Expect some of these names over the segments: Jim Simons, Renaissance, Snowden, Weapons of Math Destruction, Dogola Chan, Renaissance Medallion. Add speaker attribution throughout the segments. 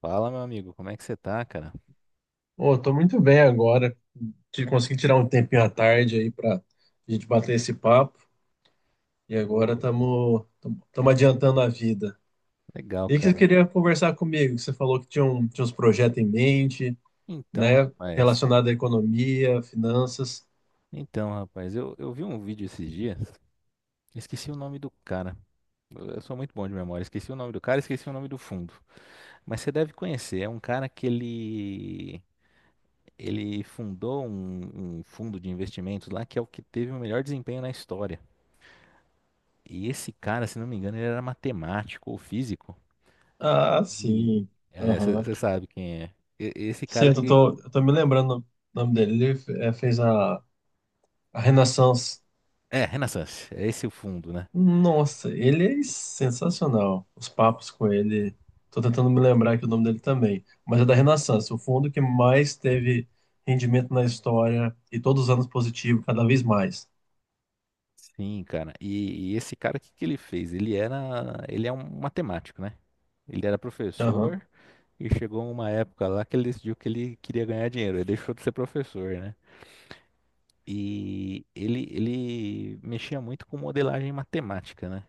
Speaker 1: Fala, meu amigo, como é que você tá, cara?
Speaker 2: Pô, tô muito bem agora. Consegui tirar um tempinho à tarde aí pra gente bater esse papo. E agora
Speaker 1: Ô,
Speaker 2: estamos adiantando a vida.
Speaker 1: legal,
Speaker 2: E que você
Speaker 1: cara.
Speaker 2: queria conversar comigo? Que Você falou que tinha uns projetos em mente,
Speaker 1: Então,
Speaker 2: né?
Speaker 1: rapaz.
Speaker 2: Relacionado à economia, finanças.
Speaker 1: Então, rapaz, eu vi um vídeo esses dias, esqueci o nome do cara. Eu sou muito bom de memória, esqueci o nome do cara, esqueci o nome do fundo. Mas você deve conhecer, é um cara que ele fundou um fundo de investimentos lá que é o que teve o melhor desempenho na história. E esse cara, se não me engano, ele era matemático ou físico.
Speaker 2: Ah,
Speaker 1: E
Speaker 2: sim. Aham.
Speaker 1: você sabe quem é. Esse
Speaker 2: Sim,
Speaker 1: cara,
Speaker 2: eu tô, eu tô me lembrando o nome dele. Ele fez a Renaissance.
Speaker 1: é, Renaissance, é esse o fundo, né?
Speaker 2: Nossa, ele é sensacional. Os papos com ele. Tô tentando me lembrar aqui o nome dele também. Mas é da Renaissance, o fundo que mais teve rendimento na história e todos os anos positivo, cada vez mais.
Speaker 1: Sim, cara. E esse cara, o que que ele fez? Ele é um matemático, né? Ele era
Speaker 2: Aham,
Speaker 1: professor e chegou uma época lá que ele decidiu que ele queria ganhar dinheiro. Ele deixou de ser professor, né? E ele mexia muito com modelagem matemática, né?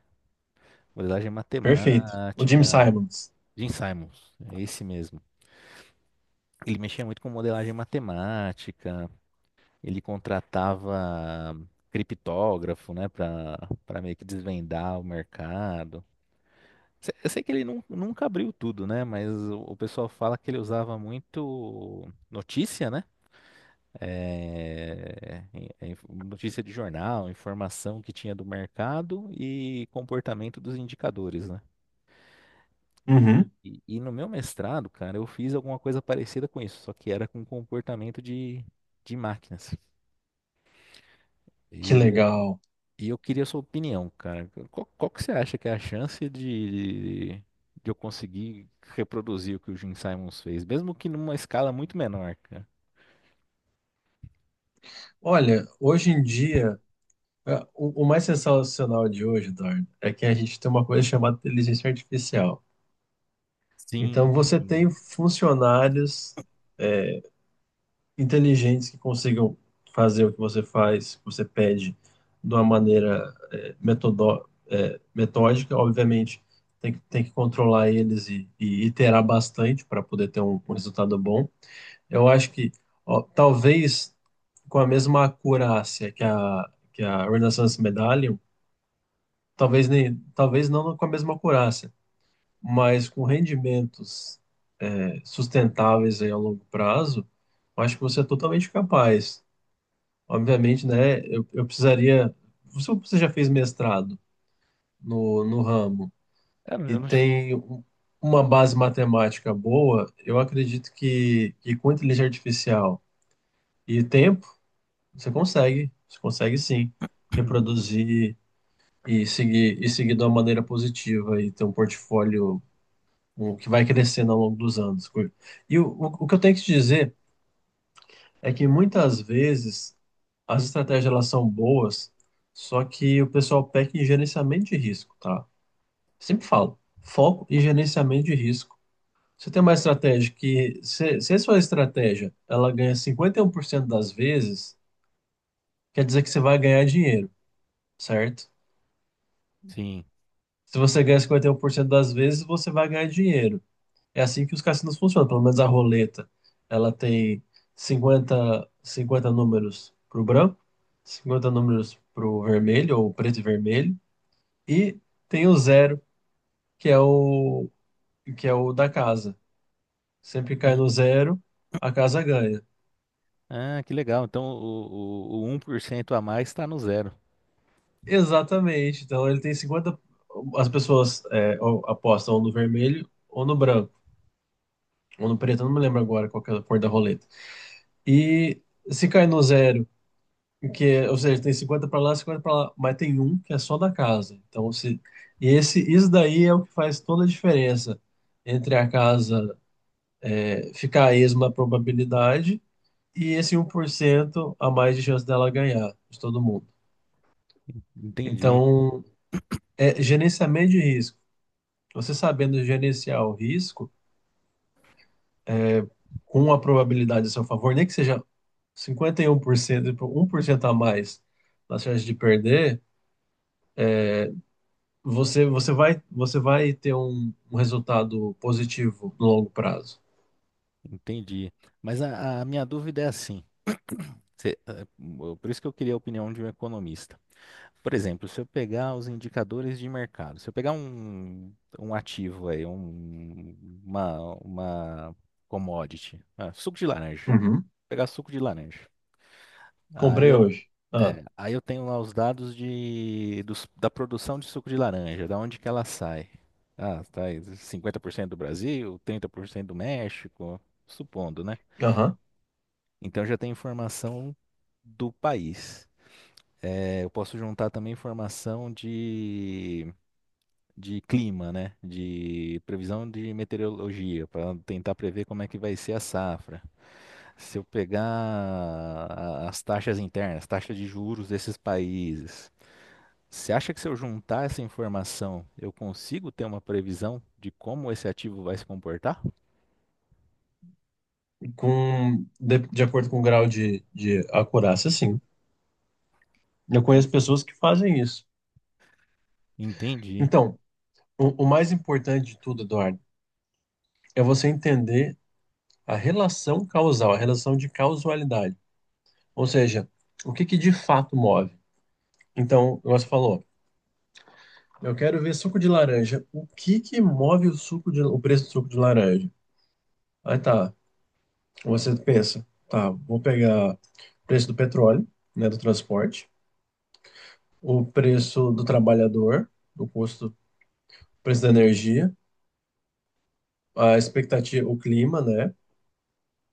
Speaker 1: Modelagem
Speaker 2: perfeito. O Jim
Speaker 1: matemática.
Speaker 2: Simons.
Speaker 1: Jim Simons, é esse mesmo. Ele mexia muito com modelagem matemática. Ele contratava criptógrafo, né, para meio que desvendar o mercado. Eu sei que ele nunca abriu tudo, né, mas o pessoal fala que ele usava muito notícia, né, notícia de jornal, informação que tinha do mercado e comportamento dos indicadores, né.
Speaker 2: Uhum,
Speaker 1: E no meu mestrado, cara, eu fiz alguma coisa parecida com isso, só que era com comportamento de máquinas.
Speaker 2: que
Speaker 1: E
Speaker 2: legal.
Speaker 1: E eu queria a sua opinião, cara. Qual, qual que você acha que é a chance de eu conseguir reproduzir o que o Gene Simons fez, mesmo que numa escala muito menor, cara?
Speaker 2: Olha, hoje em dia, o mais sensacional de hoje, Eduardo, é que a gente tem uma coisa chamada inteligência artificial.
Speaker 1: Sim,
Speaker 2: Então, você
Speaker 1: sim.
Speaker 2: tem funcionários, é, inteligentes que consigam fazer o que você faz, que você pede, de uma maneira metódica. Obviamente, tem que controlar eles e iterar bastante para poder ter um resultado bom. Eu acho que ó, talvez com a mesma acurácia que a Renaissance Medallion, talvez não com a mesma acurácia, mas com rendimentos sustentáveis aí a longo prazo, eu acho que você é totalmente capaz. Obviamente, né? Eu precisaria. Se você já fez mestrado no ramo
Speaker 1: Ah,
Speaker 2: e
Speaker 1: eu não-
Speaker 2: tem uma base matemática boa, eu acredito que com inteligência artificial e tempo, você consegue. Você consegue sim reproduzir e seguir de uma maneira positiva e ter um portfólio que vai crescendo ao longo dos anos. E o que eu tenho que te dizer. É que muitas vezes as estratégias elas são boas, só que o pessoal peca em gerenciamento de risco, tá? Sempre falo, foco e gerenciamento de risco. Você tem uma estratégia que, se a sua estratégia ela ganha 51% das vezes, quer dizer que você vai ganhar dinheiro, certo?
Speaker 1: Sim.
Speaker 2: Se você ganha 51% das vezes, você vai ganhar dinheiro. É assim que os cassinos funcionam, pelo menos a roleta. Ela tem cinquenta números para o branco, 50 números para o vermelho, ou preto e vermelho, e tem o zero, que é o, que é o da casa. Sempre cai
Speaker 1: Ah,
Speaker 2: no zero, a casa ganha.
Speaker 1: ah, que legal. Então o 1% a mais está no zero.
Speaker 2: Exatamente. Então ele tem 50. As pessoas ou apostam ou no vermelho, ou no branco, ou no preto, eu não me lembro agora qual que é a cor da roleta. E se cai no zero. Ou seja, tem 50 para lá, 50 para lá, mas tem um que é só da casa. Então, se, e esse, isso daí é o que faz toda a diferença entre a casa ficar a esma probabilidade e esse 1% a mais de chance dela ganhar de todo mundo.
Speaker 1: Entendi.
Speaker 2: Então, é gerenciamento de risco. Você sabendo gerenciar o risco com a probabilidade a seu favor, nem que seja 51% e um por cento a mais na chance de perder, você vai ter um resultado positivo no longo prazo.
Speaker 1: Entendi. Mas a minha dúvida é assim. cê- eh, por isso que eu queria a opinião de um economista. Por exemplo, se eu pegar os indicadores de mercado, se eu pegar um ativo aí, uma commodity, ah, suco de laranja,
Speaker 2: Uhum.
Speaker 1: pegar suco de laranja. Aí
Speaker 2: Comprei
Speaker 1: eu,
Speaker 2: hoje. Ah,
Speaker 1: aí eu tenho lá os dados da produção de suco de laranja, da onde que ela sai. Ah, tá aí, 50% do Brasil, 30% do México, supondo, né?
Speaker 2: aham.
Speaker 1: Então já tem informação do país. É, eu posso juntar também informação de clima, né? De previsão de meteorologia, para tentar prever como é que vai ser a safra. Se eu pegar as taxas internas, taxas de juros desses países, você acha que se eu juntar essa informação, eu consigo ter uma previsão de como esse ativo vai se comportar?
Speaker 2: De acordo com o grau de acurácia, sim. Eu conheço
Speaker 1: Sim.
Speaker 2: pessoas que fazem isso.
Speaker 1: Entendi.
Speaker 2: Então, o mais importante de tudo, Eduardo, é você entender a relação causal, a relação de causalidade. Ou seja, o que que de fato move. Então, você falou, eu quero ver suco de laranja. O que que move o preço do suco de laranja? Aí, tá. Você pensa, tá, vou pegar o preço do petróleo, né, do transporte, o preço do trabalhador, o custo, o preço da energia, a expectativa, o clima, né,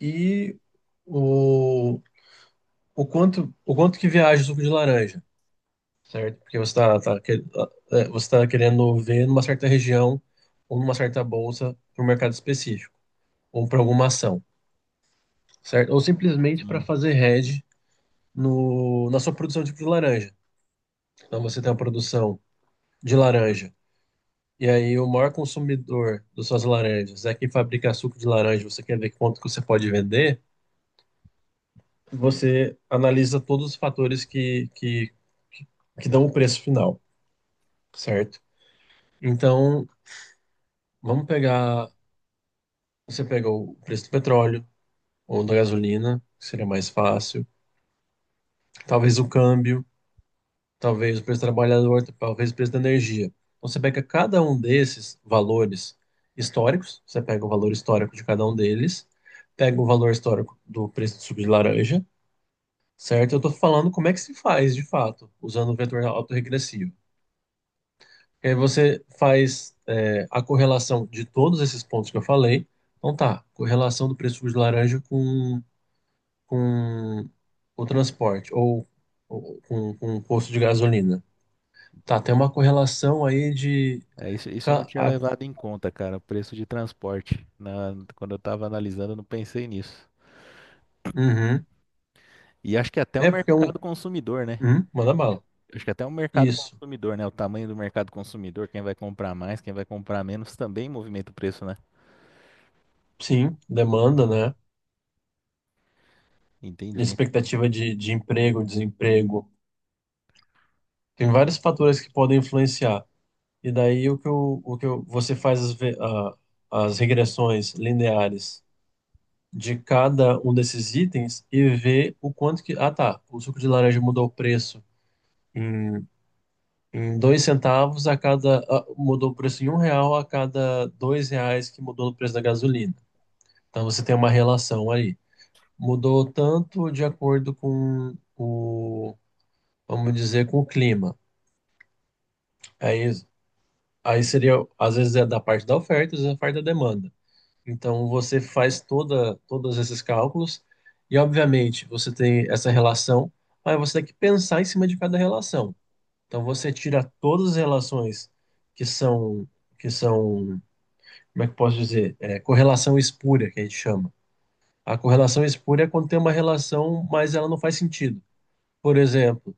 Speaker 2: e o, o quanto que viaja o suco de laranja, certo? Porque você tá querendo ver numa certa região ou numa certa bolsa para um mercado específico, ou para alguma ação, certo? Ou simplesmente para
Speaker 1: Sim.
Speaker 2: fazer hedge no, na sua produção de suco de laranja. Então você tem uma produção de laranja. E aí, o maior consumidor das suas laranjas é quem fabrica suco de laranja, você quer ver quanto que você pode vender, você analisa todos os fatores que, que dão o preço final, certo? Então, vamos pegar, você pega o preço do petróleo ou da gasolina, que seria mais fácil, talvez o câmbio, talvez o preço do trabalhador, talvez o preço da energia. Então você pega cada um desses valores históricos, você pega o valor histórico de cada um deles, pega o valor histórico do preço do suco de laranja, certo? Eu estou falando como é que se faz de fato, usando o vetor autorregressivo. E aí você faz a correlação de todos esses pontos que eu falei. Então, tá, correlação do preço do suco de laranja com o transporte ou com o custo de gasolina. Tá, tem uma correlação aí de.
Speaker 1: É, isso eu não
Speaker 2: ca-
Speaker 1: tinha
Speaker 2: a-
Speaker 1: levado em conta, cara, o preço de transporte. Quando eu tava analisando, eu não pensei nisso.
Speaker 2: Uhum.
Speaker 1: E acho que é até o
Speaker 2: É porque é um.
Speaker 1: mercado consumidor, né?
Speaker 2: Uhum, manda bala.
Speaker 1: Acho que é até o mercado
Speaker 2: Isso.
Speaker 1: consumidor, né? O tamanho do mercado consumidor, quem vai comprar mais, quem vai comprar menos, também movimenta o preço, né?
Speaker 2: Sim, demanda, né?
Speaker 1: Entendi.
Speaker 2: Expectativa de emprego, desemprego. Tem vários fatores que podem influenciar. E daí você faz as regressões lineares de cada um desses itens e vê o quanto que. Ah, tá. O suco de laranja mudou o preço em Em 2 centavos a cada. Mudou o preço em R$ 1 a cada R$ 2 que mudou o preço da gasolina. Então você tem uma relação aí. Mudou tanto de acordo com o, vamos dizer, com o clima. Aí, aí seria, às vezes é da parte da oferta, às vezes é da parte da demanda. Então você faz todos esses cálculos e, obviamente, você tem essa relação, mas você tem que pensar em cima de cada relação. Então você tira todas as relações que são que são como é que eu posso dizer? É, correlação espúria, que a gente chama. A correlação espúria é quando tem uma relação, mas ela não faz sentido. Por exemplo,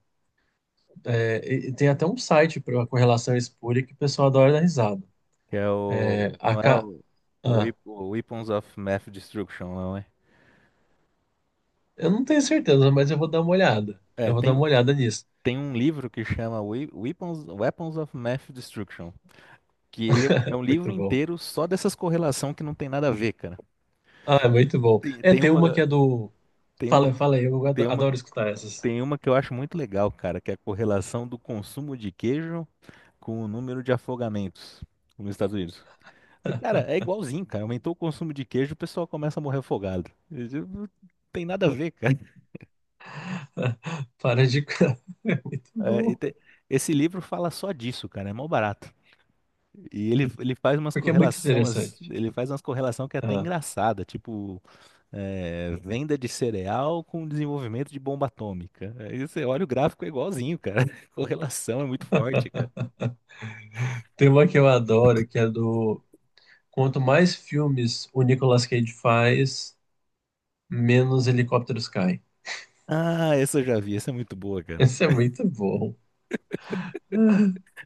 Speaker 2: tem até um site para correlação espúria que o pessoal adora dar risada.
Speaker 1: Que é
Speaker 2: É,
Speaker 1: o.
Speaker 2: a
Speaker 1: Não é
Speaker 2: ca... ah,
Speaker 1: O Weapons of Math Destruction, não é?
Speaker 2: eu não tenho certeza, mas eu vou dar uma olhada.
Speaker 1: É,
Speaker 2: Eu vou dar uma
Speaker 1: tem,
Speaker 2: olhada nisso.
Speaker 1: tem um livro que chama Weapons of Math Destruction. Que ele é um livro
Speaker 2: Muito bom.
Speaker 1: inteiro só dessas correlação que não tem nada a ver, cara.
Speaker 2: Ah, é muito bom.
Speaker 1: Tem,
Speaker 2: É,
Speaker 1: tem
Speaker 2: tem uma
Speaker 1: uma.
Speaker 2: que é do.
Speaker 1: Tem uma,
Speaker 2: Fala, fala aí, eu
Speaker 1: tem uma,
Speaker 2: adoro escutar essas.
Speaker 1: tem uma que eu acho muito legal, cara, que é a correlação do consumo de queijo com o número de afogamentos nos Estados Unidos. E, cara, é igualzinho, cara. Aumentou o consumo de queijo, o pessoal começa a morrer afogado. E, tipo, não tem nada a ver, cara.
Speaker 2: Para de. É muito
Speaker 1: É, e
Speaker 2: bom.
Speaker 1: te- esse livro fala só disso, cara. É mó barato. E ele faz umas
Speaker 2: Porque é muito
Speaker 1: correlações,
Speaker 2: interessante.
Speaker 1: ele faz umas correlação que é até
Speaker 2: Ah,
Speaker 1: engraçada, tipo é, venda de cereal com desenvolvimento de bomba atômica. Aí você olha o gráfico é igualzinho, cara. Correlação é muito forte, cara.
Speaker 2: tem uma que eu adoro, que é do. Quanto mais filmes o Nicolas Cage faz, menos helicópteros caem.
Speaker 1: Ah, essa eu já vi, essa é muito boa, cara.
Speaker 2: Esse é muito bom.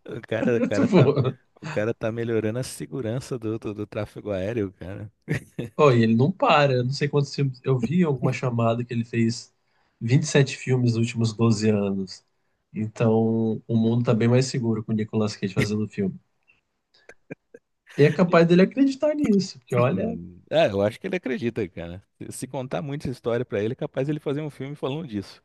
Speaker 1: O cara, o
Speaker 2: Muito
Speaker 1: cara tá,
Speaker 2: bom.
Speaker 1: o cara tá melhorando a segurança do tráfego aéreo, cara.
Speaker 2: Oh,
Speaker 1: De-
Speaker 2: e ele não para. Eu não sei quantos filmes. Eu vi alguma chamada que ele fez 27 filmes nos últimos 12 anos. Então, o mundo tá bem mais seguro com o Nicolas Cage fazendo filme. E é capaz dele acreditar nisso, porque olha,
Speaker 1: É, eu acho que ele acredita, cara. Se se contar muita história pra ele, é capaz ele fazer um filme falando disso.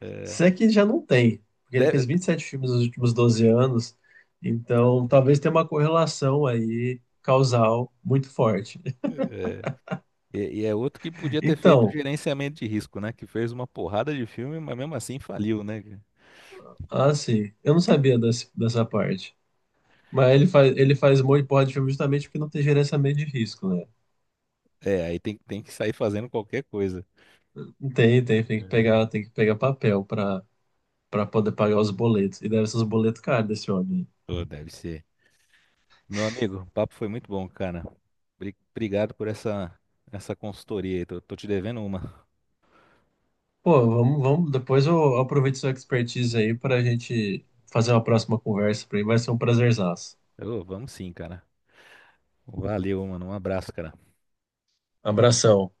Speaker 1: É,
Speaker 2: se é que já não tem, porque ele fez
Speaker 1: deve-
Speaker 2: 27 filmes nos últimos 12 anos, então talvez tenha uma correlação aí causal muito forte.
Speaker 1: E é outro que podia ter feito
Speaker 2: Então,
Speaker 1: gerenciamento de risco, né? Que fez uma porrada de filme, mas mesmo assim faliu, né, cara?
Speaker 2: assim, eu não sabia dessa parte. Mas ele faz mão e porra de filme justamente porque não tem gerenciamento de risco, né?
Speaker 1: É, aí tem, tem que sair fazendo qualquer coisa.
Speaker 2: Tem, tem, tem que
Speaker 1: É.
Speaker 2: pegar, tem que pegar papel para poder pagar os boletos. E deve ser os boletos caros desse homem.
Speaker 1: Pô, deve ser. Meu amigo, o papo foi muito bom, cara. Obrigado por essa, essa consultoria aí. Tô, tô te devendo uma.
Speaker 2: Pô, vamos, vamos, depois eu aproveito sua expertise aí para a gente fazer uma próxima conversa. Para mim vai ser um prazerzaço.
Speaker 1: Ô, vamos sim, cara. Valeu, mano. Um abraço, cara.
Speaker 2: Abração.